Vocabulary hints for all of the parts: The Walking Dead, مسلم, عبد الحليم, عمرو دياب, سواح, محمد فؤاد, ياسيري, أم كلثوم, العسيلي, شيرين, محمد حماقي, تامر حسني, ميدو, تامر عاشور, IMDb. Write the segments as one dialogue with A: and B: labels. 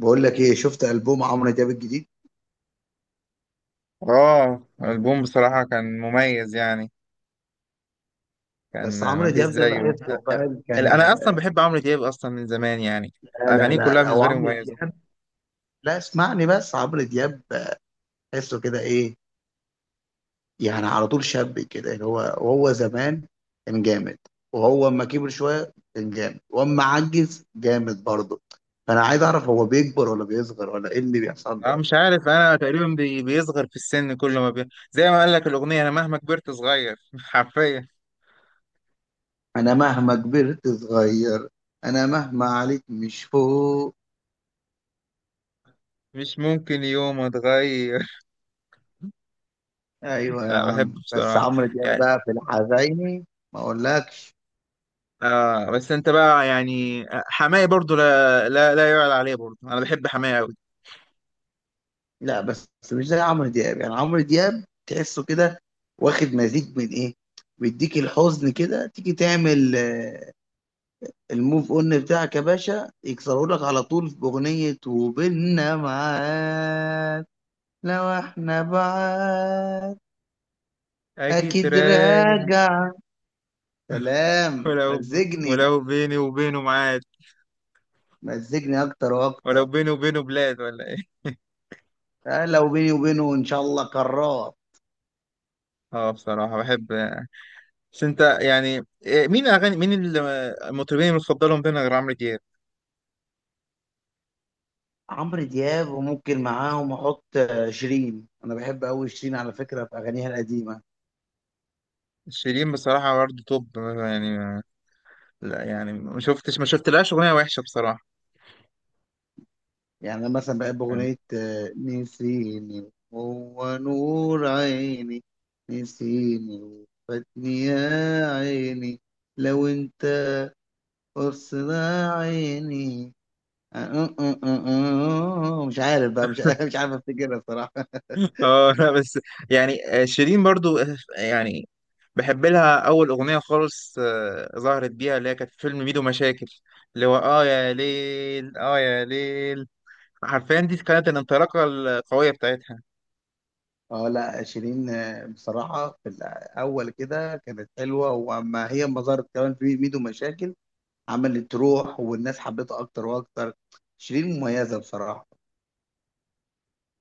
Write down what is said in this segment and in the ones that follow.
A: بقول لك ايه؟ شفت البوم عمرو دياب الجديد؟
B: اه، البوم بصراحة كان مميز يعني.
A: بس
B: كان
A: عمرو
B: مفيش
A: دياب ده
B: زيه.
A: بحسه فعلا كان.
B: انا اصلا بحب عمرو دياب اصلا من زمان يعني.
A: لا لا
B: اغانيه
A: لا
B: كلها
A: لا، هو
B: بالنسبة لي
A: عمرو
B: مميزة.
A: دياب. لا، اسمعني، بس عمرو دياب بحسه كده ايه؟ يعني على طول شاب كده، اللي هو وهو زمان كان جامد. وهو اما كبر شويه كان جامد، واما عجز جامد برضه. فانا عايز اعرف، هو بيكبر ولا بيصغر ولا ايه اللي بيحصل
B: انا
A: له؟
B: مش عارف، انا تقريبا بيصغر في السن كل ما زي ما قال لك الاغنية، انا مهما كبرت صغير حرفيا.
A: انا مهما كبرت صغير. انا مهما عليك مش فوق.
B: مش ممكن يوم اتغير.
A: ايوه يا
B: لا،
A: عم،
B: بحبه
A: بس
B: بصراحة
A: عمرو دياب
B: يعني.
A: بقى في الحزيني. ما اقولكش.
B: بس انت بقى يعني حماية برضو، لا يعلى عليه برضو، انا بحب حماية قوي.
A: لا، بس مش زي عمرو دياب، يعني عمرو دياب تحسه كده، واخد مزيج من ايه. بيديك الحزن كده، تيجي تعمل الموف اون بتاعك يا باشا يكسروا لك على طول في اغنية وبيننا معاد. لو احنا بعاد،
B: اجي
A: اكيد
B: تراجع؟
A: راجع. سلام
B: ولو
A: مزجني.
B: ولو بيني وبينه معاد،
A: مزجني اكتر
B: ولو
A: واكتر.
B: بينه وبينه بلاد ولا ايه؟
A: لو بيني وبينه ان شاء الله كرار.
B: اه بصراحة بحب. بس انت يعني مين اغاني، مين المطربين المفضلين بينا غير عمرو دياب؟
A: عمرو دياب، وممكن معاهم احط شيرين. انا بحب قوي شيرين، على فكره، في اغانيها القديمه.
B: شيرين بصراحة برضه توب يعني. لا يعني ما شفتش، ما شفتلهاش اغنية وحشة بصراحة
A: يعني انا مثلا بحب
B: يعني.
A: اغنيه نسيني هو نور عيني، نسيني وفاتني يا عيني، لو انت قصنا عيني. مش عارف بقى، مش مش عارف افتكرها بصراحه.
B: اه لا بس، يعني شيرين برضو، يعني بحب لها اول اغنية خالص، ظهرت بيها، اللي هي كانت في فيلم ميدو مشاكل، اللي هو اه يا ليل اه يا ليل. حرفيا دي كانت الانطلاقة القوية بتاعتها.
A: اه، لا، شيرين بصراحه في الاول كده كانت حلوه، واما هي ما ظهرت كمان في ميدو مشاكل، عملت روح والناس حبيتها اكتر واكتر. شيرين مميزه بصراحه.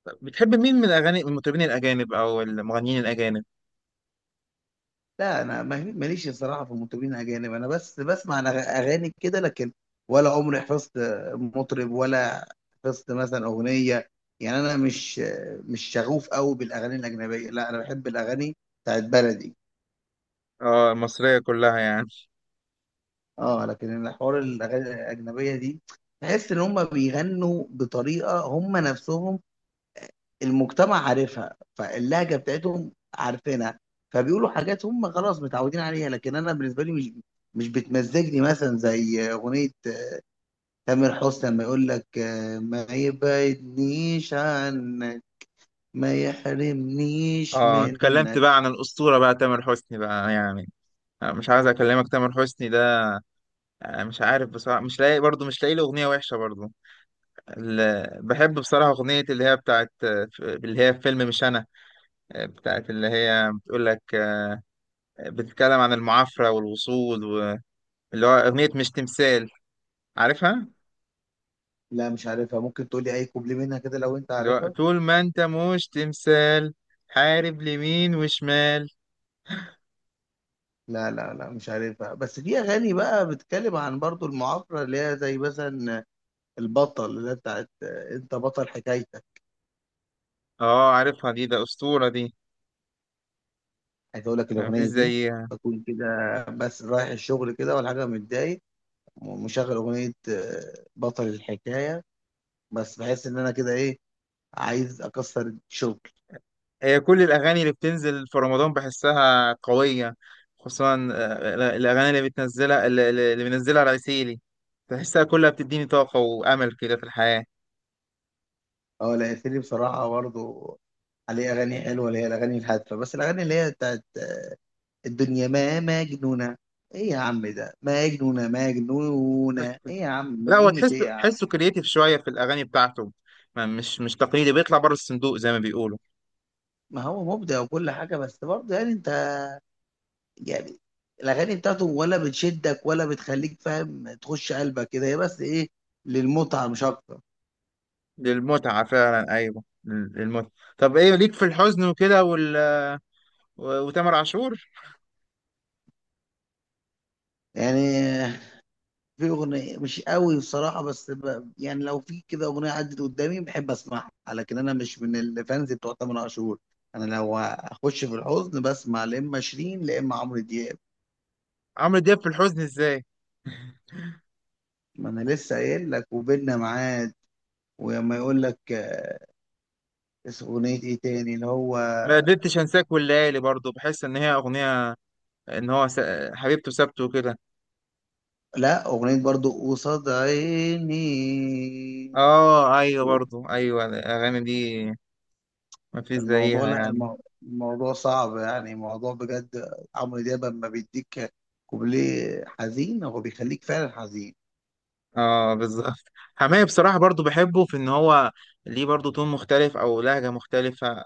B: طب بتحب مين من الاغاني، المطربين الاجانب او المغنيين الاجانب؟
A: لا انا ماليش بصراحه في المطربين الاجانب. انا بس بسمع أنا اغاني كده، لكن ولا عمري حفظت مطرب، ولا حفظت مثلا اغنيه. يعني انا مش شغوف قوي بالاغاني الاجنبيه. لا، انا بحب الاغاني بتاعت بلدي.
B: اه المصريه كلها يعني.
A: اه، لكن الحوار الاغاني الاجنبيه دي، تحس ان هم بيغنوا بطريقه هم نفسهم، المجتمع عارفها، فاللهجه بتاعتهم عارفينها، فبيقولوا حاجات هم خلاص متعودين عليها. لكن انا بالنسبه لي مش بتمزجني. مثلا زي اغنيه تامر حسني، لما يقول لك ما يبعدنيش عنك، ما يحرمنيش
B: اه اتكلمت
A: منك.
B: بقى عن الاسطوره بقى، تامر حسني بقى يعني. مش عايز اكلمك، تامر حسني ده مش عارف بصراحه، مش لاقي برضه، مش لاقي له اغنيه وحشه برضه. بحب بصراحه اغنيه اللي هي بتاعت اللي هي في فيلم مش انا. بتاعت اللي هي بتقول لك بتتكلم عن المعافره والوصول، واللي هو اغنيه مش تمثال. عارفها؟
A: لا مش عارفها. ممكن تقولي اي كوبلي منها كده، لو انت
B: اللي هو
A: عارفها.
B: طول ما انت مش تمثال، حارب لمين وشمال.
A: لا لا لا مش عارفها. بس في اغاني بقى بتتكلم عن برضو المعافرة، اللي هي زي مثلا البطل، اللي هي بتاعت انت بطل حكايتك.
B: اه عارفها دي، ده أسطورة دي.
A: عايز اقول لك
B: يعني مفيش
A: الاغنيه دي
B: زيها.
A: بكون كده، بس رايح الشغل كده ولا حاجه متضايق، ومشغل اغنيه بطل الحكايه. بس بحس ان انا كده ايه، عايز اكسر الشغل.
B: هي كل الأغاني اللي بتنزل في رمضان بحسها قوية، خصوصا الأغاني اللي بتنزلها اللي اللي بينزلها العسيلي. تحسها كلها بتديني طاقة وأمل كده في الحياة.
A: اه لا ياسيري بصراحه برضه، عليه اغاني حلوه اللي هي الاغاني الهادفه. بس الاغاني اللي هي بتاعت الدنيا ما مجنونه، ايه يا عم ده؟ مجنونه مجنونه ايه يا عم؟
B: لا هو
A: مجنونه ايه
B: تحسه
A: يا عم؟
B: تحسه كرييتيف شوية في الأغاني بتاعته. ما مش تقليدي، بيطلع بره الصندوق زي ما بيقولوا.
A: ما هو مبدع وكل حاجه. بس برضه يعني انت يعني، الاغاني بتاعته ولا بتشدك ولا بتخليك فاهم تخش قلبك كده، هي بس ايه، للمتعه مش اكتر.
B: للمتعة فعلا، أيوه، للمتعة. طب إيه ليك في الحزن وكده وتامر عاشور؟
A: يعني في اغنيه مش قوي بصراحه، بس يعني لو في كده اغنيه عدت قدامي بحب اسمعها. لكن انا مش من الفانز بتوع تامر عاشور. انا لو اخش في الحزن بسمع، لا اما شيرين لا اما عمرو دياب.
B: عمرو دياب في الحزن إزاي؟
A: ما انا لسه قايل لك، وبيننا ميعاد. وما يقول لك اسم اغنيه ايه تاني اللي هو.
B: ما قدرتش انساك والليالي برضو، بحس ان هي اغنيه ان هو حبيبته سابته كده.
A: لا اغنيه برضو قصاد عيني.
B: اه ايوه برضو ايوه الاغاني دي ما فيش
A: الموضوع،
B: زيها
A: لا،
B: يعني.
A: الموضوع صعب. يعني موضوع بجد. عمرو دياب لما بيديك كوبليه حزين، هو بيخليك فعلا حزين.
B: اه بالظبط. حماية بصراحه برضو بحبه في ان هو ليه برضو تون مختلف او لهجه مختلفه.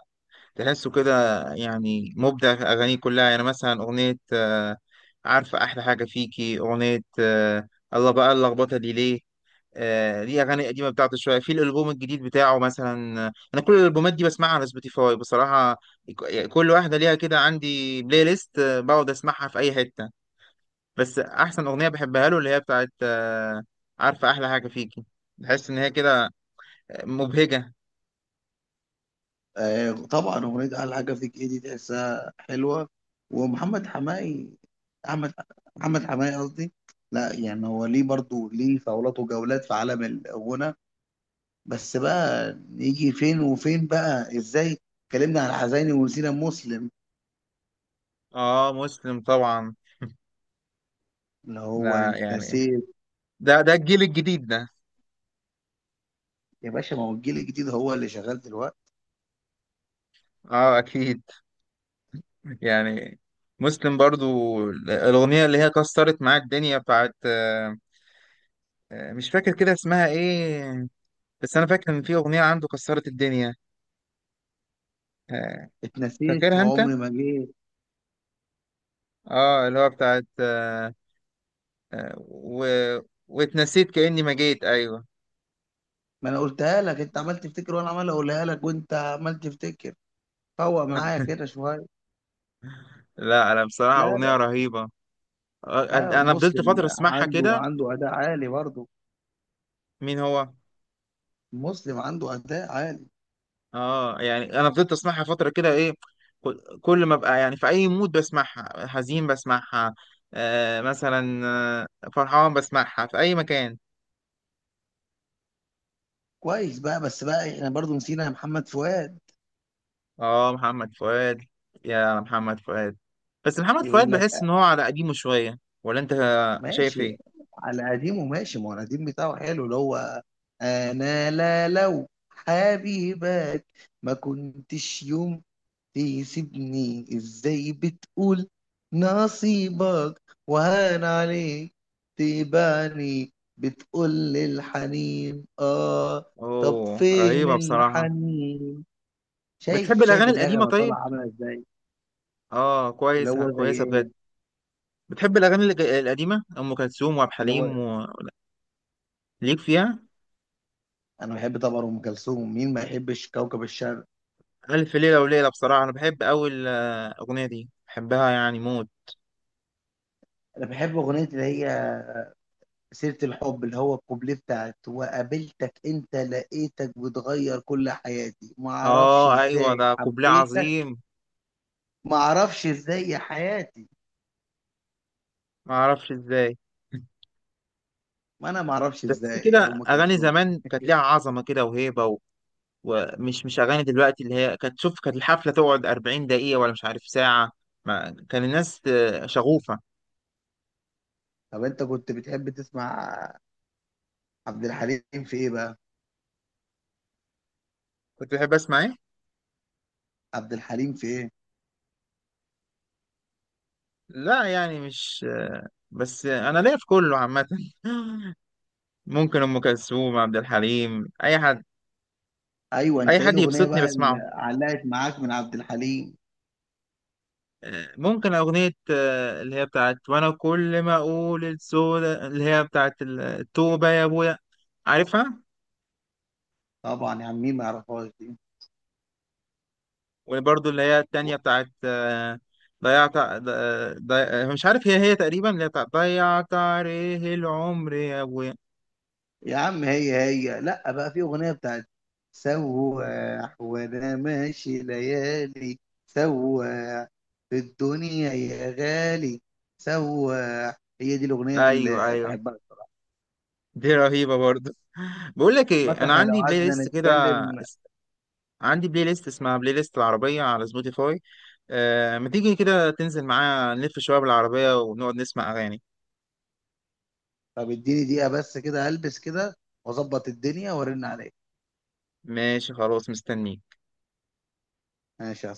B: تحسه كده يعني مبدع في اغانيه كلها. يعني مثلا اغنيه عارفه احلى حاجه فيكي، اغنيه الله، بقى اللخبطه دي ليه؟ ليه اغاني قديمه بتاعته شويه في الالبوم الجديد بتاعه. مثلا انا كل الالبومات دي بسمعها على سبوتيفاي بصراحه. يعني كل واحده ليها كده عندي بلاي ليست، بقعد اسمعها في اي حته. بس احسن اغنيه بحبها له اللي هي بتاعت عارفه احلى حاجه فيكي. بحس ان هي كده مبهجه.
A: آه طبعا، اغنيه اعلى حاجه فيك ايه دي تحسها حلوه. ومحمد حماقي، احمد، محمد حماقي قصدي. لا يعني هو ليه برضو، ليه فولات وجولات في عالم الغنى. بس بقى نيجي فين وفين بقى ازاي؟ اتكلمنا عن حزيني ونسينا مسلم،
B: اه مسلم طبعا.
A: اللي هو
B: لا
A: انت
B: يعني،
A: نسيت.
B: ده الجيل الجديد ده.
A: يا باشا، ما هو الجيل الجديد هو اللي شغال دلوقتي.
B: اه اكيد يعني. مسلم برضو، الاغنيه اللي هي كسرت معاه الدنيا بتاعت مش فاكر كده اسمها ايه، بس انا فاكر ان في اغنيه عنده كسرت الدنيا. آه،
A: اتنسيت
B: فاكرها انت؟
A: وعمري ما جيت.
B: اه اللي هو بتاعت آه، و... واتنسيت كاني ما جيت، ايوه.
A: ما انا قلتها لك، انت عمال تفتكر وانا عمال اقولها لك وانت عمال تفتكر. فوق معايا كده شويه.
B: لا انا بصراحه
A: لا
B: اغنيه
A: لا
B: رهيبه.
A: لا،
B: انا فضلت
A: مسلم
B: فتره اسمعها
A: عنده
B: كده.
A: عنده اداء عالي برضه.
B: مين هو؟
A: مسلم عنده اداء عالي.
B: اه يعني انا فضلت اسمعها فتره كده. ايه، كل ما ابقى يعني في اي مود بسمعها، حزين بسمعها، آه مثلا فرحان بسمعها في اي مكان.
A: كويس بقى، بس بقى احنا برضه نسينا محمد فؤاد.
B: اه محمد فؤاد. يا محمد فؤاد. بس محمد فؤاد
A: يقول لك
B: بحس ان هو على قديمه شويه. ولا انت شايف
A: ماشي.
B: ايه؟
A: على قديمه ماشي، ما هو القديم بتاعه حلو. اللي هو انا، لا لو حبيبك ما كنتش يوم تسيبني، ازاي بتقول نصيبك وهان عليك تبعني؟ بتقول الحنين، اه. طب
B: اوه
A: فين
B: رهيبه بصراحه.
A: الحنين؟ شايف
B: بتحب
A: شايف
B: الاغاني القديمه
A: النغمة
B: طيب؟
A: طالعة عاملة ازاي.
B: اه
A: اللي
B: كويسه
A: هو زي
B: كويسه بجد.
A: ايه،
B: بتحب الاغاني القديمه، ام كلثوم وعبد
A: اللي هو،
B: الحليم، وليك فيها؟
A: انا بحب طبعا ام كلثوم، مين ما يحبش كوكب الشرق.
B: الف ليله وليله، بصراحه انا بحب اول الاغنيه دي، بحبها يعني موت.
A: انا بحب اغنية اللي هي سيرة الحب، اللي هو الكوبليه بتاعت: وقابلتك انت لقيتك بتغير كل حياتي، ما
B: اه
A: اعرفش
B: ايوه
A: ازاي
B: ده قبلة
A: حبيتك،
B: عظيم.
A: ما اعرفش ازاي يا حياتي.
B: ما اعرفش ازاي.
A: ما انا ما اعرفش
B: تحس
A: ازاي يا
B: كده
A: ام
B: اغاني
A: كلثوم
B: زمان كانت ليها عظمه كده وهيبه، ومش مش اغاني دلوقتي. اللي هي كانت، شوف، كانت الحفله تقعد 40 دقيقه ولا مش عارف ساعه. ما كان الناس شغوفه.
A: طب انت كنت بتحب تسمع عبد الحليم في ايه بقى؟
B: كنت بحب اسمع ايه؟
A: عبد الحليم في ايه؟
B: لا يعني مش بس انا ليا في كله عامه. ممكن ام كلثوم، عبد الحليم، اي حد.
A: ايوه،
B: اي
A: انت ايه
B: حد
A: الاغنيه
B: يبسطني
A: بقى اللي
B: بسمعه.
A: علقت معاك من عبد الحليم؟
B: ممكن اغنيه اللي هي بتاعت وانا كل ما اقول السودا، اللي هي بتاعت التوبه يا ابويا. عارفها؟
A: طبعا يا عم، مين ما يعرفهاش دي.
B: وبرضه اللي هي التانية
A: و-
B: بتاعت آه، ضيعت ع- ض- آه، ضي... آه، مش عارف، هي هي تقريبا اللي هي بتاعت ضيعت عليه العمر يا ابويا.
A: يا عم، هي هي لا بقى. في اغنيه بتاعت سواح وانا ماشي ليالي، سواح، في الدنيا يا غالي، سواح، هي دي الاغنيه
B: ايوه
A: اللي
B: ايوه
A: بحبها.
B: دي رهيبة برضه. بقول لك
A: عامة
B: ايه، انا
A: احنا لو
B: عندي بلاي
A: قعدنا
B: ليست كده،
A: نتكلم.
B: اس- عندي بلاي ليست اسمها بلاي ليست العربية على سبوتيفاي. ما تيجي كده تنزل معايا نلف شوية بالعربية ونقعد نسمع اغاني؟
A: طب اديني دقيقة بس كده، البس كده واظبط الدنيا ورن عليك.
B: ماشي خلاص مستنيك.
A: ماشي يا